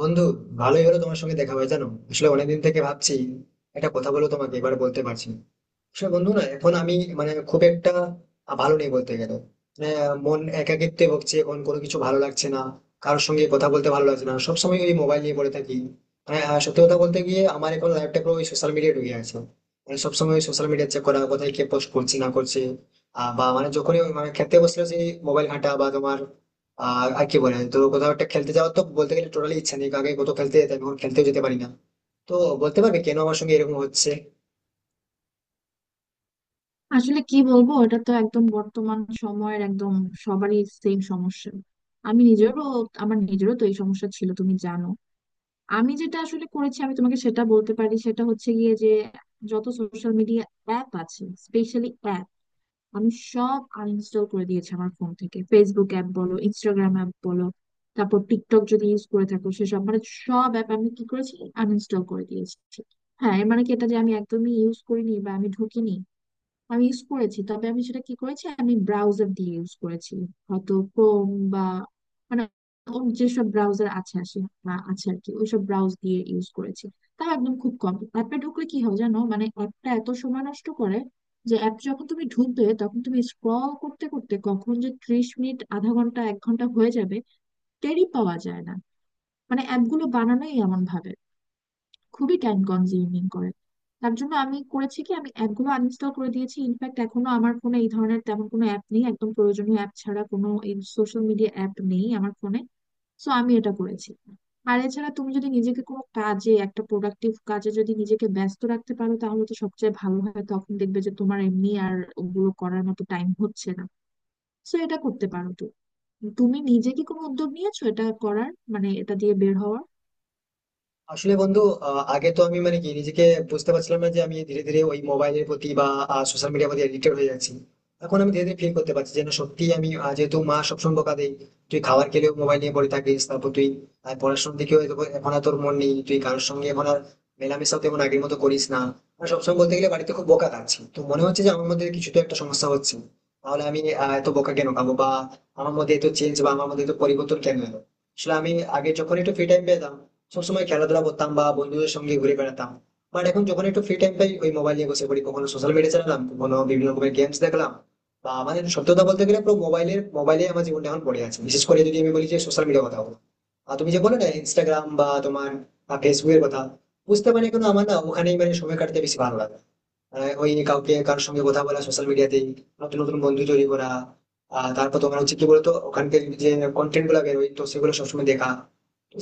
বন্ধু, ভালোই হলো তোমার সঙ্গে দেখা হয়, জানো। আসলে অনেকদিন থেকে ভাবছি একটা কথা বলবো তোমাকে, এবার বলতে পারছি না। আসলে বন্ধু না, এখন আমি মানে খুব একটা ভালো নেই বলতে গেলে। মানে মন একাকিত্বে ভুগছে, এখন কোনো কিছু ভালো লাগছে না। কারোর সঙ্গে কথা বলতে ভালো লাগছে না, সবসময় ওই মোবাইল নিয়ে পড়ে থাকি। মানে সত্যি কথা বলতে গিয়ে আমার এখন লাইফটা পুরো ওই সোশ্যাল মিডিয়ায় ঢুকে আছে। মানে সবসময় ওই সোশ্যাল মিডিয়া চেক করা, কোথায় কে পোস্ট করছে না করছে। বা মানে যখনই ওই মানে খেতে বসলে সেই মোবাইল ঘাঁটা বা তোমার আর কি বলে, তো কোথাও একটা খেলতে যাওয়ার তো বলতে গেলে টোটালি ইচ্ছা নেই, আগে কত খেলতে যেতাম, এখন খেলতেও যেতে পারি না। তো বলতে পারবে কেন আমার সঙ্গে এরকম হচ্ছে? আসলে কি বলবো? এটা তো একদম বর্তমান সময়ের একদম সবারই সেম সমস্যা। আমি নিজেরও আমার নিজেরও তো এই সমস্যা ছিল, তুমি জানো। আমি যেটা আসলে করেছি আমি তোমাকে সেটা বলতে পারি, সেটা হচ্ছে গিয়ে যে যত সোশ্যাল মিডিয়া অ্যাপ আছে, স্পেশালি অ্যাপ, আমি সব আনইনস্টল করে দিয়েছি আমার ফোন থেকে। ফেসবুক অ্যাপ বলো, ইনস্টাগ্রাম অ্যাপ বলো, তারপর টিকটক যদি ইউজ করে থাকো, সেসব মানে সব অ্যাপ আমি কি করেছি আনইনস্টল করে দিয়েছি। হ্যাঁ, এর মানে কি এটা যে আমি একদমই ইউজ করিনি বা আমি ঢুকিনি? আমি ইউজ করেছি, তবে আমি সেটা কি করেছি আমি ব্রাউজার দিয়ে ইউজ করেছি। হয়তো ক্রোম বা মানে অন্য যেসব ব্রাউজার আছে আসে বা আছে আর কি, ওইসব ব্রাউজ দিয়ে ইউজ করেছি। তাও একদম খুব কম। অ্যাপে ঢুকলে কি হয় জানো, মানে অ্যাপটা এত সময় নষ্ট করে যে অ্যাপ যখন তুমি ঢুকবে তখন তুমি স্ক্রল করতে করতে কখন যে 30 মিনিট, আধা ঘন্টা, 1 ঘন্টা হয়ে যাবে টেরই পাওয়া যায় না। মানে অ্যাপগুলো বানানোই এমন ভাবে, খুবই টাইম কনজিউমিং করে। তার জন্য আমি করেছি কি আমি অ্যাপগুলো আনইনস্টল করে দিয়েছি। ইনফ্যাক্ট এখনো আমার ফোনে এই ধরনের তেমন কোনো অ্যাপ নেই, একদম প্রয়োজনীয় অ্যাপ ছাড়া কোনো এই সোশ্যাল মিডিয়া অ্যাপ নেই আমার ফোনে। সো আমি এটা করেছি। আর এছাড়া তুমি যদি নিজেকে কোনো কাজে, একটা প্রোডাক্টিভ কাজে যদি নিজেকে ব্যস্ত রাখতে পারো তাহলে তো সবচেয়ে ভালো হয়। তখন দেখবে যে তোমার এমনি আর ওগুলো করার মতো টাইম হচ্ছে না। সো এটা করতে পারো। তো তুমি নিজে কি কোনো উদ্যোগ নিয়েছো এটা করার, মানে এটা দিয়ে বের হওয়ার? আসলে বন্ধু, আগে তো আমি মানে কি নিজেকে বুঝতে পারছিলাম না যে আমি ধীরে ধীরে ওই মোবাইলের প্রতি বা সোশ্যাল মিডিয়ার প্রতি এডিক্টেড হয়ে যাচ্ছি। এখন আমি ধীরে ধীরে ফিল করতে পারছি যেন সত্যি আমি, যেহেতু মা সবসময় বকা দেয়, তুই খাবার খেলেও মোবাইল নিয়ে পড়ে থাকিস, তারপর তুই পড়াশোনার দিকেও এখন আর তোর মন নেই, তুই কারোর সঙ্গে এখন আর মেলামেশাও তেমন আগের মতো করিস না। আর সবসময় বলতে গেলে বাড়িতে খুব বকা খাচ্ছি, তো মনে হচ্ছে যে আমার মধ্যে কিছু তো একটা সমস্যা হচ্ছে। তাহলে আমি এত বকা কেন খাবো, বা আমার মধ্যে এত চেঞ্জ বা আমার মধ্যে এত পরিবর্তন কেন এলো? আসলে আমি আগে যখন একটু ফ্রি টাইম পেতাম সবসময় খেলাধুলা করতাম বা বন্ধুদের সঙ্গে ঘুরে বেড়াতাম। বাট এখন যখন একটু ফ্রি টাইম পাই ওই মোবাইল নিয়ে বসে পড়ি, কখনো সোশ্যাল মিডিয়া চালালাম, কখনো বিভিন্ন রকমের গেমস দেখলাম। বা আমাদের সত্যি কথা বলতে গেলে পুরো মোবাইলে আমার জীবনটা এখন পড়ে আছে, বিশেষ করে যদি আমি বলি যে সোশ্যাল মিডিয়া কথা বলো আর তুমি যে বলে না ইনস্টাগ্রাম বা তোমার ফেসবুকের কথা বুঝতে পারি, কিন্তু আমার না ওখানেই মানে সময় কাটাতে বেশি ভালো লাগে। ওই কাউকে কারোর সঙ্গে কথা বলা সোশ্যাল মিডিয়াতেই, নতুন নতুন বন্ধু তৈরি করা। আর তারপর তোমার হচ্ছে কি বলতো, ওখানকার যে কন্টেন্ট গুলো বেরোয় তো সেগুলো সবসময় দেখা।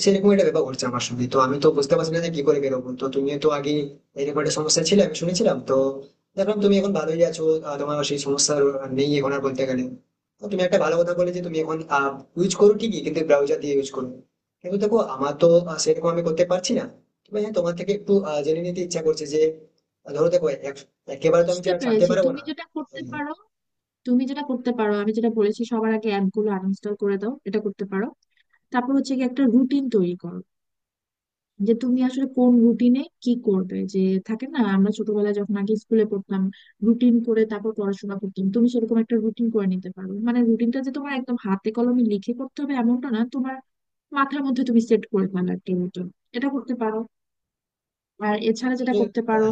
সেরকম একটা ব্যাপার ঘটছে আমার সঙ্গে, তো আমি তো বুঝতে পারছি না যে কি করে বেরোবো। তো তুমি তো আগে এরকম একটা সমস্যা ছিল আমি শুনেছিলাম, তো দেখলাম তুমি এখন ভালোই আছো, তোমার সেই সমস্যা নেই এখন আর বলতে গেলে। তো তুমি একটা ভালো কথা বলে যে তুমি এখন ইউজ করো ঠিকই, কিন্তু ব্রাউজার দিয়ে ইউজ করো। কিন্তু দেখো, আমার তো সেরকম আমি করতে পারছি না। তবে হ্যাঁ, তোমার থেকে একটু জেনে নিতে ইচ্ছা করছে যে ধরো দেখো একেবারে তো আমি বুঝতে যা ছাড়তে পেরেছি। পারবো তুমি না। যেটা করতে উম। পারো, তুমি যেটা করতে পারো, আমি যেটা বলেছি, সবার আগে অ্যাপ গুলো আনইনস্টল করে দাও, এটা করতে পারো। তারপর হচ্ছে কি একটা রুটিন তৈরি করো যে তুমি আসলে কোন রুটিনে কি করবে। যে থাকে না আমরা ছোটবেলায় যখন আগে স্কুলে পড়তাম, রুটিন করে তারপর পড়াশোনা করতাম, তুমি সেরকম একটা রুটিন করে নিতে পারো। মানে রুটিনটা যে তোমার একদম হাতে কলমে লিখে করতে হবে এমনটা না, তোমার মাথার মধ্যে তুমি সেট করে ফেলো একটা রুটিন, এটা করতে পারো। আর এছাড়া যেটা আসলে। করতে আহ, পারো,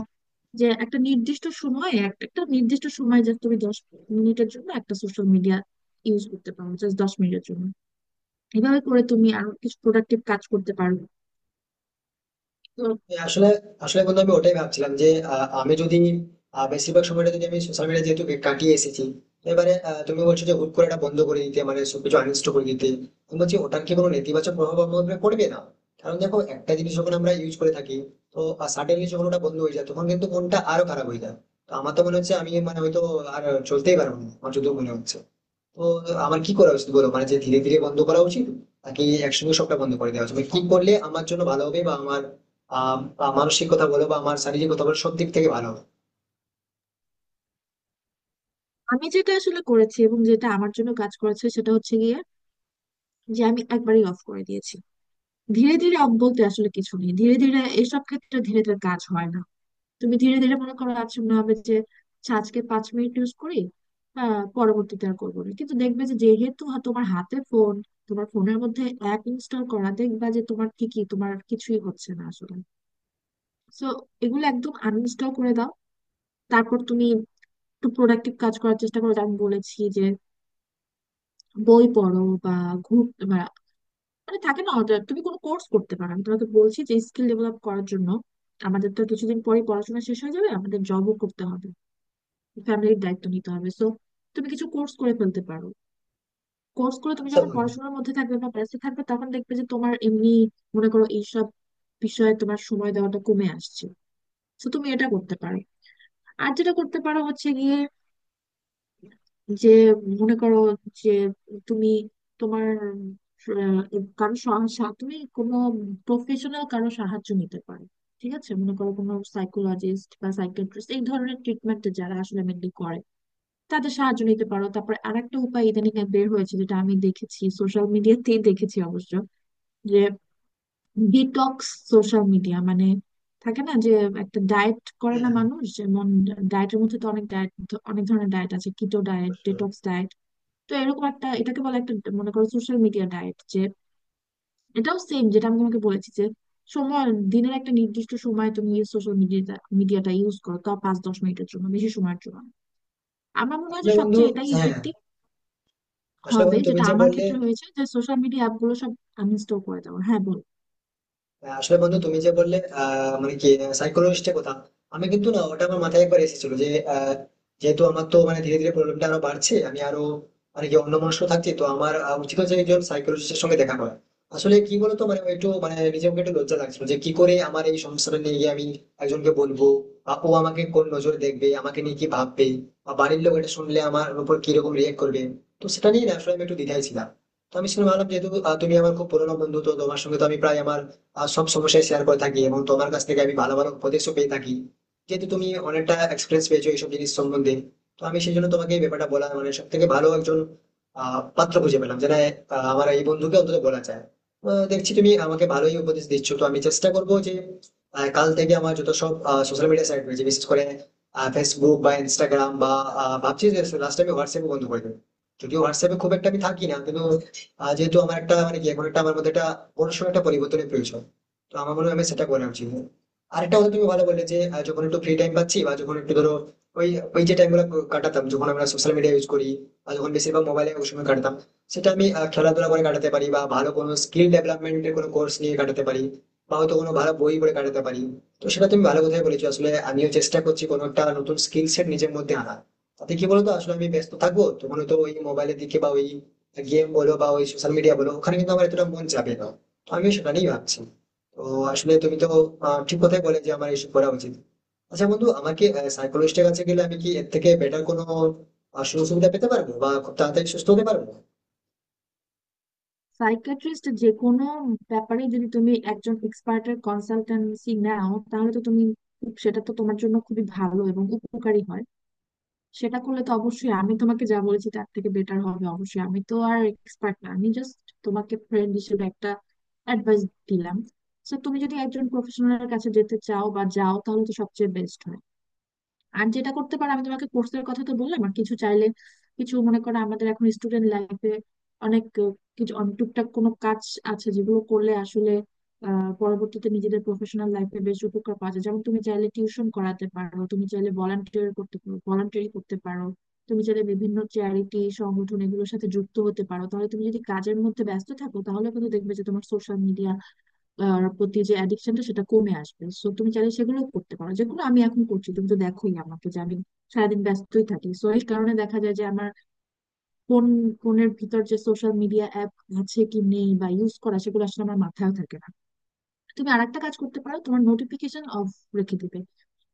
যে একটা নির্দিষ্ট সময়ে, একটা একটা নির্দিষ্ট সময় যে তুমি 10 মিনিটের জন্য একটা সোশ্যাল মিডিয়া ইউজ করতে পারো, জাস্ট 10 মিনিটের জন্য। এভাবে করে তুমি আরো কিছু প্রোডাক্টিভ কাজ করতে পারো। তো হ্যাঁ। আসলে আসলে বন্ধু, আমি ওটাই ভাবছিলাম যে আমি যদি বেশিরভাগ সময়টা যদি আমি সোশ্যাল মিডিয়া যেহেতু কাটিয়ে এসেছি, তো এবারে তুমি বলছো যে হুট করে এটা বন্ধ করে দিতে, মানে সবকিছু আনইনস্টল করে দিতে। আমি বলছি, ওটার কি কোনো নেতিবাচক প্রভাব আমার উপরে পড়বে না? কারণ দেখো, একটা জিনিস যখন আমরা ইউজ করে থাকি, তো সাডেনলি যখন ওটা বন্ধ হয়ে যায় তখন কিন্তু মনটা আরো খারাপ হয়ে যায়। তো আমার তো মনে হচ্ছে আমি মানে হয়তো আর চলতেই পারবো না, আমার যদিও মনে হচ্ছে। তো আমার কি করা উচিত বলো, মানে যে ধীরে ধীরে বন্ধ করা উচিত নাকি একসঙ্গে সবটা বন্ধ করে দেওয়া উচিত, মানে কি করলে আমার জন্য ভালো হবে বা আমার বা মানসিক কথা বলো বা আমার শারীরিক কথা বলো, সব দিক থেকে ভালো হবে? আমি যেটা আসলে করেছি এবং যেটা আমার জন্য কাজ করেছে সেটা হচ্ছে গিয়ে যে আমি একবারই অফ করে দিয়েছি। ধীরে ধীরে অফ বলতে আসলে কিছু নেই, ধীরে ধীরে এসব ক্ষেত্রে ধীরে ধীরে কাজ হয় না। তুমি ধীরে ধীরে মনে করো আজ মনে হবে যে আচ্ছা আজকে 5 মিনিট ইউজ করি, পরবর্তীতে আর করবো না, কিন্তু দেখবে যে যেহেতু তোমার হাতে ফোন, তোমার ফোনের মধ্যে অ্যাপ ইনস্টল করা, দেখবা যে তোমার ঠিকই, তোমার কিছুই হচ্ছে না আসলে। সো এগুলো একদম আনইনস্টল করে দাও। তারপর তুমি একটু প্রোডাক্টিভ কাজ করার চেষ্টা করো, যেমন বলেছি যে বই পড়ো বা ঘুর বা মানে থাকে না তুমি কোনো কোর্স করতে পারো। আমি তোমাকে বলছি যে স্কিল ডেভেলপ করার জন্য আমাদের তো কিছুদিন পরে পড়াশোনা শেষ হয়ে যাবে, আমাদের জবও করতে হবে, ফ্যামিলির দায়িত্ব নিতে হবে। সো তুমি কিছু কোর্স করে ফেলতে পারো। কোর্স করে তুমি আচ্ছা যখন বন্ধু। পড়াশোনার মধ্যে থাকবে বা ব্যস্ত থাকবে, তখন দেখবে যে তোমার এমনি মনে করো এইসব বিষয়ে তোমার সময় দেওয়াটা কমে আসছে। তো তুমি এটা করতে পারো। আর যেটা করতে পারো হচ্ছে গিয়ে যে মনে করো যে তুমি তোমার আহ, কারো সাহায্য, তুমি কোনো প্রফেশনাল কারো সাহায্য নিতে পারো। ঠিক আছে, মনে করো কোনো সাইকোলজিস্ট বা সাইকিয়াট্রিস্ট, এই ধরনের ট্রিটমেন্টে যারা আসলে মেনলি করে, তাদের সাহায্য নিতে পারো। তারপরে আরেকটা উপায় ইদানিং আর বের হয়েছে যেটা আমি দেখেছি, সোশ্যাল মিডিয়াতেই দেখেছি অবশ্য, যে ডিটক্স সোশ্যাল মিডিয়া। মানে থাকে না যে একটা ডায়েট করে হ্যাঁ। না মানুষ যেমন, ডায়েটের মধ্যে তো অনেক ডায়েট, অনেক ধরনের ডায়েট আছে, কিটো ডায়েট, অবশ্যই। Detox diet. তো এরকম একটা, এটাকে বলে একটা, মনে করো, সোশ্যাল মিডিয়া ডায়েট। যে এটাও সেম যেটা আমি তোমাকে বলেছি যে সময় দিনের একটা নির্দিষ্ট সময় তুমি সোশ্যাল মিডিয়াটা মিডিয়াটা ইউজ করো, তাও 5-10 মিনিটের জন্য, বেশি সময়ের জন্য না। আমার মনে হয় যে আসলে বন্ধু। সবচেয়ে এটাই হ্যাঁ। ইফেক্টিভ আসলে হবে, বন্ধু তুমি যেটা যে আমার বললে ক্ষেত্রে হয়েছে, যে সোশ্যাল মিডিয়া অ্যাপগুলো সব আনইনস্টল করে দেবো। হ্যাঁ, বল। আসলে বন্ধু, তুমি যে বললে মানে কি সাইকোলজিস্টের কথা, আমি কিন্তু না ওটা আমার মাথায় একবার এসেছিল যে আহ, যেহেতু আমার তো মানে ধীরে ধীরে প্রবলেমটা আরো বাড়ছে, আমি আরো মানে কি অন্যমনস্ক থাকছি, তো আমার উচিত হচ্ছে একজন সাইকোলজিস্টের সঙ্গে দেখা করা। আসলে কি বলতো, মানে একটু মানে নিজেকে একটু লজ্জা লাগছিল যে কি করে আমার এই সমস্যাটা নিয়ে গিয়ে আমি একজনকে বলবো, বা ও আমাকে কোন নজরে দেখবে, আমাকে নিয়ে কি ভাববে, বা বাড়ির লোক এটা শুনলে আমার উপর কিরকম রিয়েক্ট করবে। তো সেটা নিয়ে না আসলে আমি একটু দ্বিধায় ছিলাম। তো আমি শুনে ভাবলাম যেহেতু তুমি আমার খুব পুরোনো বন্ধু, তো তোমার সঙ্গে তো আমি প্রায় আমার সব সমস্যায় শেয়ার করে থাকি এবং তোমার কাছ থেকে আমি ভালো ভালো উপদেশও পেয়ে থাকি, যেহেতু তুমি অনেকটা এক্সপিরিয়েন্স পেয়েছো এইসব জিনিস সম্বন্ধে। তো আমি সেই জন্য তোমাকে এই ব্যাপারটা বলা, মানে সব থেকে ভালো একজন পাত্র খুঁজে পেলাম, যেটা আমার এই বন্ধুকে অন্তত বলা যায়। দেখছি তুমি আমাকে ভালোই উপদেশ দিচ্ছ, তো আমি চেষ্টা করবো যে কাল থেকে আমার যত সব সোশ্যাল মিডিয়া সাইট রয়েছে বিশেষ করে ফেসবুক বা ইনস্টাগ্রাম বা ভাবছি যে লাস্ট আমি হোয়াটসঅ্যাপে বন্ধ করে দেবো। যদিও হোয়াটসঅ্যাপে খুব একটা আমি থাকি না, কিন্তু যেহেতু আমার একটা মানে কি এখন একটা আমার মধ্যে একটা বড়সড় একটা পরিবর্তনের প্রয়োজন, তো আমার মনে হয় আমি সেটা করা উচিত। আরেকটা কথা তুমি ভালো বললে যে যখন একটু ফ্রি টাইম পাচ্ছি বা যখন একটু ধরো ওই ওই যে টাইম গুলো কাটাতাম যখন আমরা সোশ্যাল মিডিয়া ইউজ করি বা যখন বেশিরভাগ মোবাইলে ওই সময় কাটাতাম, সেটা আমি খেলাধুলা করে কাটাতে পারি বা ভালো কোনো স্কিল ডেভেলপমেন্টের কোনো কোর্স নিয়ে কাটাতে পারি বা হয়তো কোনো ভালো বই পড়ে কাটাতে পারি। তো সেটা তুমি ভালো কথাই বলেছো, আসলে আমিও চেষ্টা করছি কোনো একটা নতুন স্কিল সেট নিজের মধ্যে আনা। তাতে কি বলতো, আসলে আমি ব্যস্ত থাকবো তখন তো ওই মোবাইলের দিকে বা ওই গেম বলো বা ওই সোশ্যাল মিডিয়া বলো ওখানে কিন্তু আমার এতটা মন যাবে না। তো আমিও সেটা নিয়েই ভাবছি। তো আসলে তুমি তো ঠিক কথাই বলে যে আমার এইসব করা উচিত। আচ্ছা বন্ধু, আমাকে সাইকোলজিস্টের কাছে গেলে আমি কি এর থেকে বেটার কোনো সুযোগ সুবিধা পেতে পারবো বা খুব তাড়াতাড়ি সুস্থ হতে পারবো? সাইকিয়াট্রিস্ট, যে কোনো ব্যাপারে যদি তুমি একজন এক্সপার্টের কনসালটেন্সি নাও তাহলে তো তুমি খুব- সেটা তো তোমার জন্য খুবই ভালো এবং উপকারী হয়। সেটা করলে তো অবশ্যই আমি তোমাকে যা বলেছি তার থেকে বেটার হবে অবশ্যই। আমি তো আর এক্সপার্ট না, আমি জাস্ট তোমাকে ফ্রেন্ড হিসেবে একটা অ্যাডভাইস দিলাম। তো তুমি যদি একজন প্রফেশনালের কাছে যেতে চাও বা যাও তাহলে তো সবচেয়ে বেস্ট হয়। আর যেটা করতে পারো, আমি তোমাকে কোর্সের কথা তো বললাম, আর কিছু চাইলে, কিছু মনে করো আমাদের এখন স্টুডেন্ট লাইফে অনেক কিছু, অনেক টুকটাক কোনো কাজ আছে যেগুলো করলে আসলে পরবর্তীতে নিজেদের প্রফেশনাল লাইফে বেশ উপকার পাওয়া যায়। যেমন তুমি চাইলে টিউশন করাতে পারো, তুমি চাইলে ভলান্টিয়ার করতে পারো, ভলান্টিয়ারি করতে পারো, তুমি চাইলে বিভিন্ন চ্যারিটি সংগঠন এগুলোর সাথে যুক্ত হতে পারো। তাহলে তুমি যদি কাজের মধ্যে ব্যস্ত থাকো তাহলে কিন্তু দেখবে যে তোমার সোশ্যাল মিডিয়া প্রতি যে অ্যাডিকশনটা সেটা কমে আসবে। সো তুমি চাইলে সেগুলো করতে পারো, যেগুলো আমি এখন করছি। তুমি তো দেখোই আমাকে যে আমি সারাদিন ব্যস্তই থাকি। সো এই কারণে দেখা যায় যে আমার ফোন ফোনের ভিতর যে সোশ্যাল মিডিয়া অ্যাপ আছে কি নেই বা ইউজ করা, সেগুলো আসলে আমার মাথায় থাকে না। তুমি আরেকটা কাজ করতে পারো, তোমার নোটিফিকেশন অফ রেখে দিবে।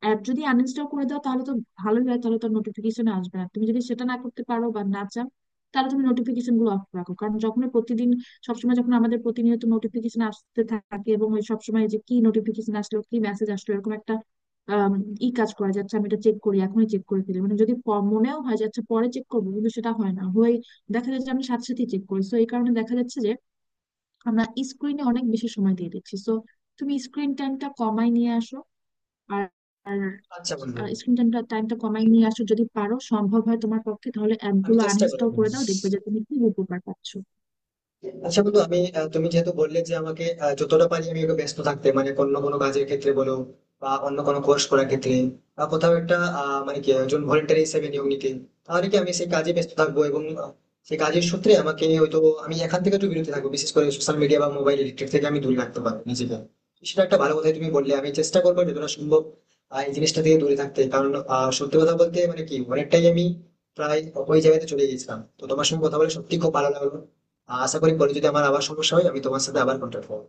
অ্যাপ যদি আনইনস্টল করে দাও তাহলে তো ভালোই হয়, তাহলে তো নোটিফিকেশন আসবে না। তুমি যদি সেটা না করতে পারো বা না চাও তাহলে তুমি নোটিফিকেশন গুলো অফ রাখো। কারণ যখন প্রতিদিন, সবসময় যখন আমাদের প্রতিনিয়ত নোটিফিকেশন আসতে থাকে, এবং ওই সবসময় যে কি নোটিফিকেশন আসলো কি মেসেজ আসলো, এরকম একটা আম, ই, কাজ করা যাচ্ছে আমি এটা চেক করি, এখনই চেক করে ফেলি, মানে যদি মনেও হয় যাচ্ছে পরে চেক করবো কিন্তু সেটা হয় না, হয়ে দেখা যাচ্ছে আমি সাথে সাথে চেক করি। তো এই কারণে দেখা যাচ্ছে যে আমরা স্ক্রিনে অনেক বেশি সময় দিয়ে দিচ্ছি। সো তুমি স্ক্রিন টাইমটা কমায় নিয়ে আসো। আর আচ্ছা বন্ধু। স্ক্রিন টাইমটা টাইমটা কমায় নিয়ে আসো, যদি পারো সম্ভব হয় তোমার পক্ষে তাহলে আমি অ্যাপগুলো চেষ্টা করবো। আনইনস্টল করে দাও, দেখবে যে তুমি খুব উপকার পাচ্ছ। আচ্ছা বন্ধু, আমি তুমি যেহেতু বললে যে আমাকে যতটা পারি আমি একটু ব্যস্ত থাকতে, মানে অন্য কোনো কাজের ক্ষেত্রে বলো বা অন্য কোনো কোর্স করার ক্ষেত্রে বা কোথাও একটা মানে কি একজন ভলেন্টারি হিসেবে নিয়োগ নিতে, তাহলে কি আমি সেই কাজে ব্যস্ত থাকবো এবং সেই কাজের সূত্রে আমাকে হয়তো আমি এখান থেকে একটু বিরত থাকবো, বিশেষ করে সোশ্যাল মিডিয়া বা মোবাইল ইলেকট্রিক থেকে আমি দূরে রাখতে পারবো নিজেকে। সেটা একটা ভালো কথাই তুমি বললে, আমি চেষ্টা করবো যতটা সম্ভব এই জিনিসটা থেকে দূরে থাকতে, কারণ সত্যি কথা বলতে মানে কি অনেকটাই আমি প্রায় ওই জায়গাতে চলে গেছিলাম। তো তোমার সঙ্গে কথা বলে সত্যি খুব ভালো লাগলো। আশা করি পরে যদি আমার আবার সমস্যা হয় আমি তোমার সাথে আবার কন্ট্যাক্ট করবো।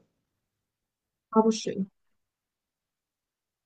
অবশ্যই।